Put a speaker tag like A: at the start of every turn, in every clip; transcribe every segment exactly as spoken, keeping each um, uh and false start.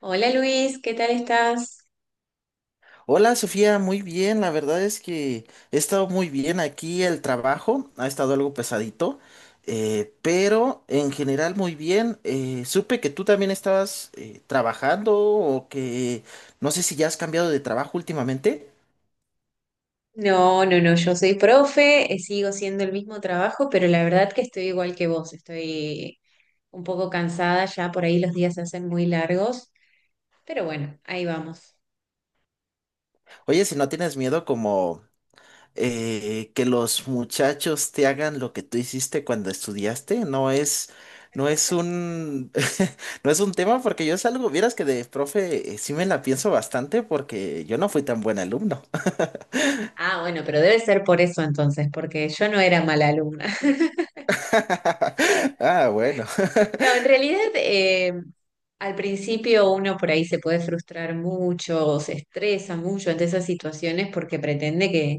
A: Hola Luis, ¿qué tal estás?
B: Hola Sofía, muy bien, la verdad es que he estado muy bien aquí, el trabajo ha estado algo pesadito, eh, pero en general muy bien. Eh, supe que tú también estabas eh, trabajando o que no sé si ya has cambiado de trabajo últimamente.
A: No, no, no, yo soy profe, eh, sigo siendo el mismo trabajo, pero la verdad que estoy igual que vos, estoy un poco cansada, ya por ahí los días se hacen muy largos, pero bueno, ahí vamos.
B: Oye, si no tienes miedo como eh, que los muchachos te hagan lo que tú hiciste cuando estudiaste no es, no es un, no es un tema porque yo salgo, vieras que de profe eh, sí me la pienso bastante porque yo no fui tan buen alumno.
A: Ah, bueno, pero debe ser por eso entonces, porque yo no era mala alumna.
B: Ah, bueno.
A: No, en realidad eh, al principio uno por ahí se puede frustrar mucho, o se estresa mucho ante esas situaciones porque pretende que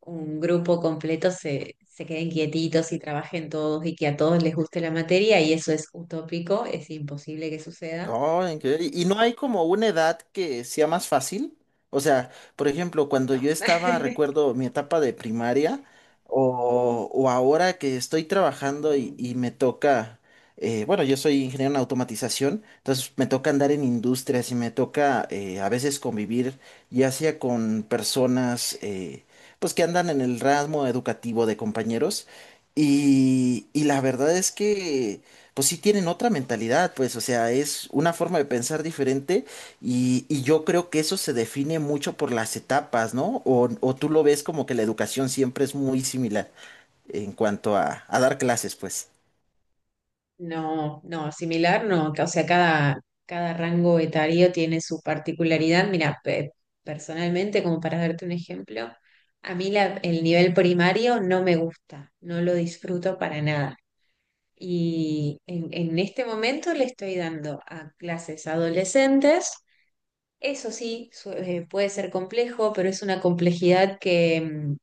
A: un grupo completo se, se queden quietitos y trabajen todos y que a todos les guste la materia y eso es utópico, es imposible que suceda.
B: Oh, increíble. ¿Y y no hay como una edad que sea más fácil? O sea, por ejemplo, cuando
A: No,
B: yo estaba, recuerdo mi etapa de primaria, o, o ahora que estoy trabajando y, y me toca, eh, bueno, yo soy ingeniero en automatización, entonces me toca andar en industrias y me toca eh, a veces convivir, ya sea con personas, eh, pues que andan en el ramo educativo de compañeros, y, y la verdad es que pues sí tienen otra mentalidad, pues, o sea, es una forma de pensar diferente y, y yo creo que eso se define mucho por las etapas, ¿no? O, o tú lo ves como que la educación siempre es muy similar en cuanto a, a dar clases, pues.
A: no, no, similar no, o sea, cada, cada rango etario tiene su particularidad. Mira, pe- personalmente, como para darte un ejemplo, a mí la- el nivel primario no me gusta, no lo disfruto para nada. Y en, en este momento le estoy dando a clases adolescentes. Eso sí, su- eh, puede ser complejo, pero es una complejidad que mm,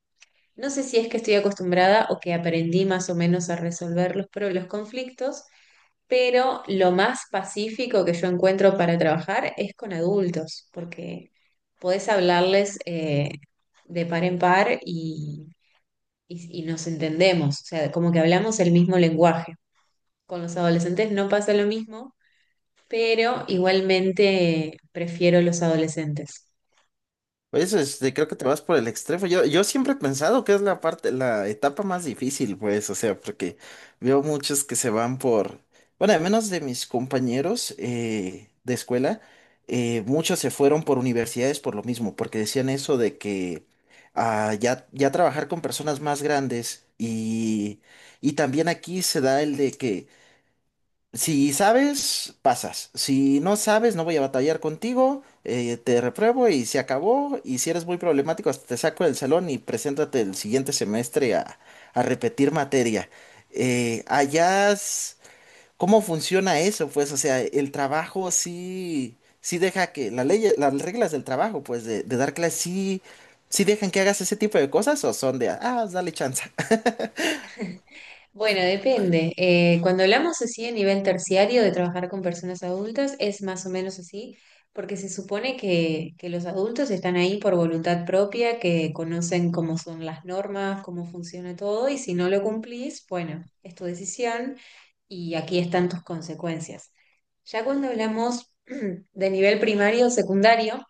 A: no sé si es que estoy acostumbrada o que aprendí más o menos a resolver los, pro- los conflictos, pero lo más pacífico que yo encuentro para trabajar es con adultos, porque podés hablarles eh, de par en par y, y y nos entendemos, o sea, como que hablamos el mismo lenguaje. Con los adolescentes no pasa lo mismo, pero igualmente prefiero los adolescentes.
B: Pues este, creo que te vas por el extremo. Yo, yo siempre he pensado que es la parte, la etapa más difícil, pues, o sea, porque veo muchos que se van por, bueno, al menos de mis compañeros eh, de escuela, eh, muchos se fueron por universidades por lo mismo, porque decían eso de que ah, ya, ya trabajar con personas más grandes y, y también aquí se da el de que si sabes, pasas. Si no sabes, no voy a batallar contigo. Eh, te repruebo y se acabó. Y si eres muy problemático, hasta te saco del salón y preséntate el siguiente semestre a, a repetir materia. Eh, allá, es- ¿Cómo funciona eso? Pues, o sea, el trabajo sí, sí deja que la ley, las reglas del trabajo, pues, de, de dar clases, sí, sí dejan que hagas ese tipo de cosas o son de, ah, dale chance.
A: Bueno, depende. Eh, cuando hablamos así a nivel terciario de trabajar con personas adultas, es más o menos así, porque se supone que, que los adultos están ahí por voluntad propia, que conocen cómo son las normas, cómo funciona todo, y si no lo cumplís, bueno, es tu decisión y aquí están tus consecuencias. Ya cuando hablamos de nivel primario o secundario,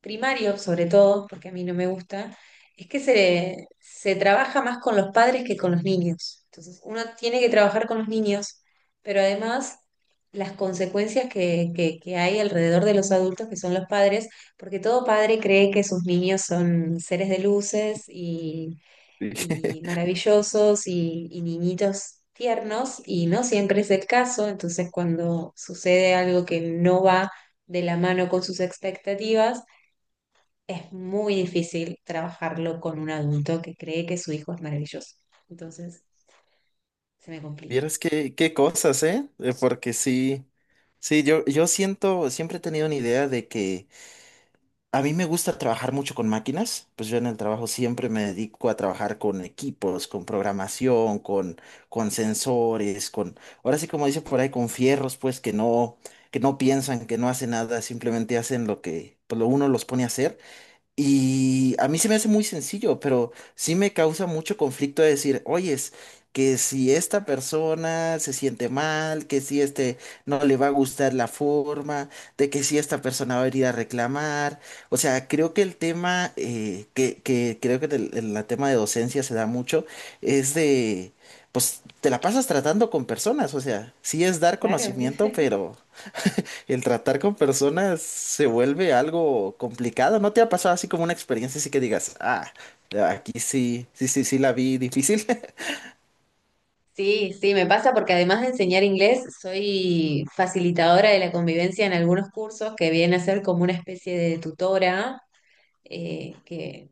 A: primario, sobre todo, porque a mí no me gusta, es que se, se trabaja más con los padres que con los niños. Entonces, uno tiene que trabajar con los niños, pero además las consecuencias que, que, que hay alrededor de los adultos, que son los padres, porque todo padre cree que sus niños son seres de luces y, y maravillosos y, y niñitos tiernos, y no siempre es el caso. Entonces, cuando sucede algo que no va de la mano con sus expectativas, es muy difícil trabajarlo con un adulto que cree que su hijo es maravilloso. Entonces, se me complica.
B: Vieras qué, qué cosas, ¿eh? Eh, Porque sí, sí, yo, yo siento, siempre he tenido una idea de que a mí me gusta trabajar mucho con máquinas, pues yo en el trabajo siempre me dedico a trabajar con equipos, con programación, con, con sensores, con, ahora sí como dice por ahí, con fierros, pues que no, que no piensan, que no hacen nada, simplemente hacen lo que pues, lo uno los pone a hacer. Y a mí se me hace muy sencillo, pero sí me causa mucho conflicto de decir, oyes, que si esta persona se siente mal, que si este no le va a gustar la forma, de que si esta persona va a venir a reclamar. O sea, creo que el tema, eh, que, que creo que el, el- la tema de docencia se da mucho, es de, pues te la pasas tratando con personas, o sea, sí es dar
A: Claro.
B: conocimiento, pero... El tratar con personas se vuelve algo complicado. ¿No te ha pasado así como una experiencia así que digas, ah, aquí sí, sí, sí, sí la vi difícil?
A: Sí, sí, me pasa porque además de enseñar inglés, soy facilitadora de la convivencia en algunos cursos que viene a ser como una especie de tutora, eh, que,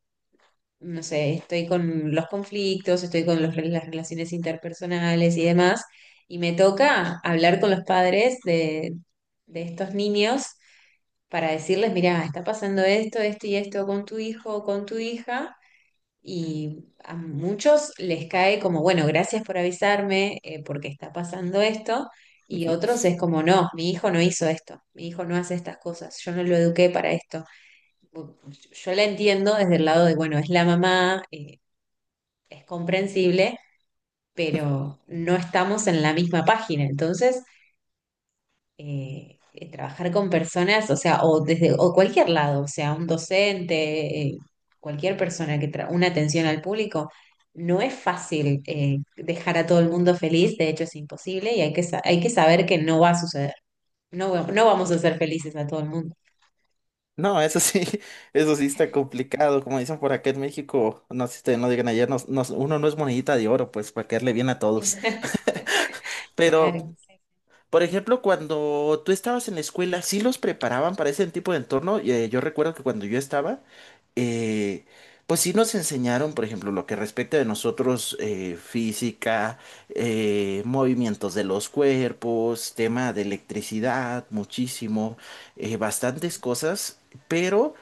A: no sé, estoy con los conflictos, estoy con los- las relaciones interpersonales y demás, y me toca hablar con los padres de, de estos niños para decirles, mirá, está pasando esto, esto y esto con tu hijo o con tu hija. Y a muchos les cae como, bueno, gracias por avisarme eh, porque está pasando esto. Y otros es como, no, mi hijo no hizo esto, mi hijo no hace estas cosas, yo no lo eduqué para esto. Bu- Yo la entiendo desde el lado de, bueno, es la mamá, eh, es comprensible, pero no estamos en la misma página. Entonces, eh, eh, trabajar con personas, o sea, o desde o cualquier lado, o sea, un docente, eh, cualquier persona que tra una atención al público, no es fácil eh, dejar a todo el mundo feliz, de hecho es imposible y hay que, sa- hay que saber que no va a suceder, no, va- no vamos a ser felices a todo el mundo.
B: No, eso sí, eso sí está complicado. Como dicen por acá en México, no sé si te no digan allá, no- no- uno no es monedita de oro, pues para caerle bien a todos. Pero,
A: Claro.
B: por ejemplo, cuando tú estabas en la escuela, ¿sí los preparaban para ese tipo de entorno? Eh, yo recuerdo que cuando yo estaba. eh, pues sí nos enseñaron, por ejemplo, lo que respecta de nosotros, eh, física, eh, movimientos de los cuerpos, tema de electricidad, muchísimo, eh, bastantes cosas, pero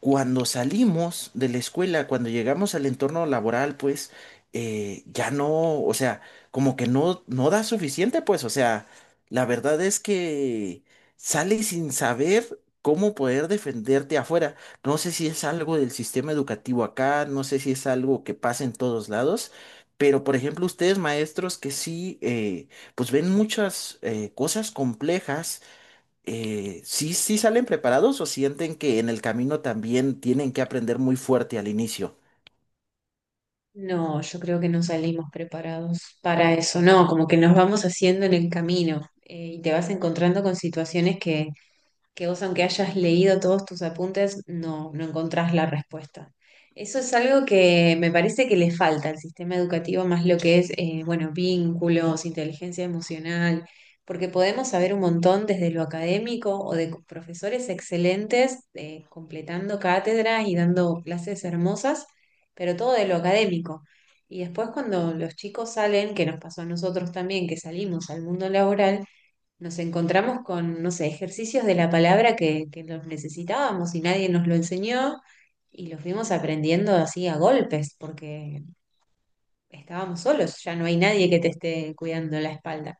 B: cuando salimos de la escuela, cuando llegamos al entorno laboral, pues eh, ya no, o sea, como que no, no da suficiente, pues, o sea, la verdad es que sales sin saber cómo poder defenderte afuera. No sé si es algo del sistema educativo acá, no sé si es algo que pasa en todos lados, pero por ejemplo, ustedes maestros que sí, eh, pues ven muchas eh, cosas complejas eh, ¿sí, sí salen preparados o sienten que en el camino también tienen que aprender muy fuerte al inicio?
A: No, yo creo que no salimos preparados para eso, no, como que nos vamos haciendo en el camino eh, y te vas encontrando con situaciones que que vos aunque hayas leído todos tus apuntes, no, no encontrás la respuesta. Eso es algo que me parece que le falta al sistema educativo, más lo que es, eh, bueno, vínculos, inteligencia emocional, porque podemos saber un montón desde lo académico o de profesores excelentes, eh, completando cátedras y dando clases hermosas, pero todo de lo académico. Y después cuando los chicos salen, que nos pasó a nosotros también, que salimos al mundo laboral, nos encontramos con, no sé, ejercicios de la palabra que, que los necesitábamos y nadie nos lo enseñó y los fuimos aprendiendo así a golpes porque estábamos solos, ya no hay nadie que te esté cuidando la espalda.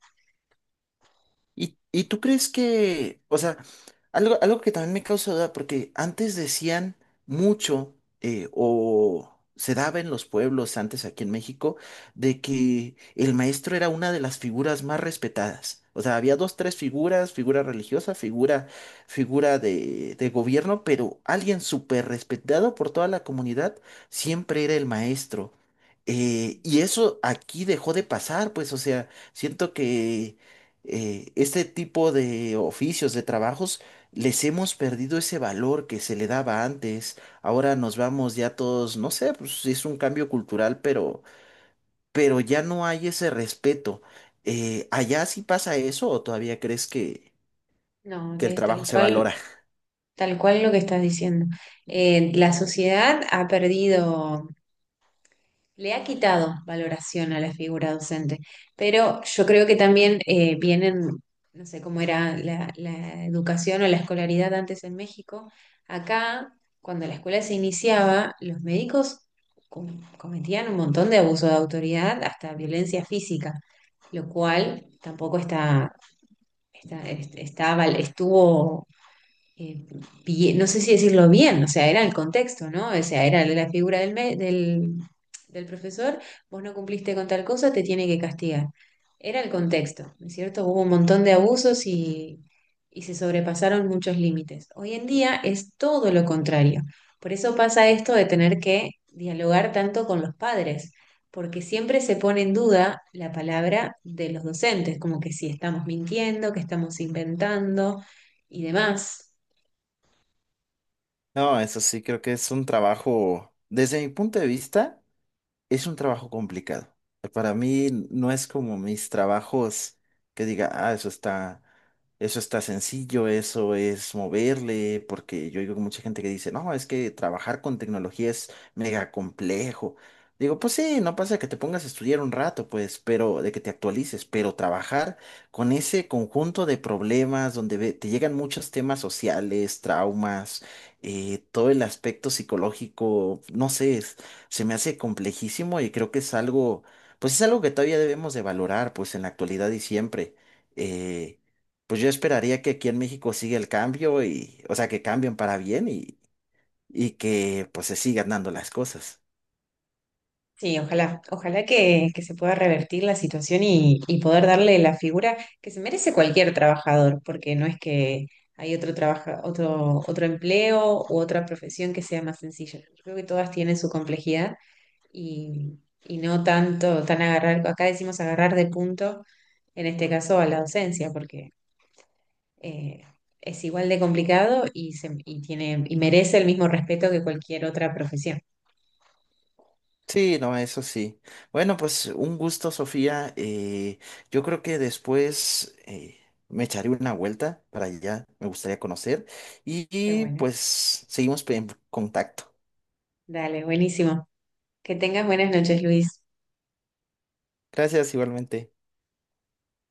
B: ¿Y, y tú crees que, o sea, algo, algo que también me causa duda, porque antes decían mucho, eh, o se daba en los pueblos antes aquí en México, de que el maestro era una de las figuras más respetadas. O sea, había dos, tres figuras, figura religiosa, figura, figura de, de gobierno, pero alguien súper respetado por toda la comunidad siempre era el maestro. Eh, y eso aquí dejó de pasar, pues, o sea, siento que eh, este tipo de oficios, de trabajos, les hemos perdido ese valor que se le daba antes. Ahora nos vamos ya todos, no sé, pues es un cambio cultural, pero, pero ya no hay ese respeto. Eh, ¿allá sí pasa eso o todavía crees que,
A: No,
B: que el
A: es tal
B: trabajo se
A: cual,
B: valora?
A: tal cual lo que estás diciendo. Eh, la sociedad ha perdido. Le ha quitado valoración a la figura docente, pero yo creo que también eh, vienen, no sé cómo era la, la educación o la escolaridad antes en México. Acá, cuando la escuela se iniciaba, los médicos com- cometían un montón de abuso de autoridad, hasta violencia física, lo cual tampoco está, está, est- está val- estuvo eh, bien- no sé si decirlo bien, o sea, era el contexto, ¿no? O sea, era la figura del, me- del, del profesor, vos no cumpliste con tal cosa, te tiene que castigar. Era el contexto, ¿no es cierto? Hubo un montón de abusos y, y se sobrepasaron muchos límites. Hoy en día es todo lo contrario. Por eso pasa esto de tener que dialogar tanto con los padres, porque siempre se pone en duda la palabra de los docentes, como que si estamos mintiendo, que estamos inventando y demás.
B: No, eso sí, creo que es un trabajo, desde mi punto de vista. Es un trabajo complicado. Para mí no es como mis trabajos que diga, ah, eso está, eso está sencillo, eso es moverle, porque yo digo mucha gente que dice, no, es que trabajar con tecnología es mega complejo. Digo, pues sí, no pasa que te pongas a estudiar un rato, pues, pero de que te actualices, pero trabajar con ese conjunto de problemas donde ve- te llegan muchos temas sociales, traumas, eh, todo el aspecto psicológico, no sé, se me hace complejísimo y creo que es algo, pues es algo que todavía debemos de valorar, pues en la actualidad y siempre. Eh, pues yo esperaría que aquí en México siga el cambio y, o sea, que cambien para bien y, y que pues se sigan dando las cosas.
A: Sí, ojalá, ojalá que, que se pueda revertir la situación y, y poder darle la figura que se merece cualquier trabajador, porque no es que hay otro trabaja, otro, otro empleo u otra profesión que sea más sencilla. Yo creo que todas tienen su complejidad y, y no tanto, tan agarrar, acá decimos agarrar de punto, en este caso a la docencia, porque eh, es igual de complicado y, se- y tiene, y merece el mismo respeto que cualquier otra profesión.
B: Sí, no, eso sí. Bueno, pues un gusto, Sofía. Eh, yo creo que después eh, me echaré una vuelta para allá, me gustaría conocer y,
A: Qué
B: y,
A: bueno.
B: pues seguimos en contacto.
A: Dale, buenísimo. Que tengas buenas noches, Luis.
B: Gracias igualmente.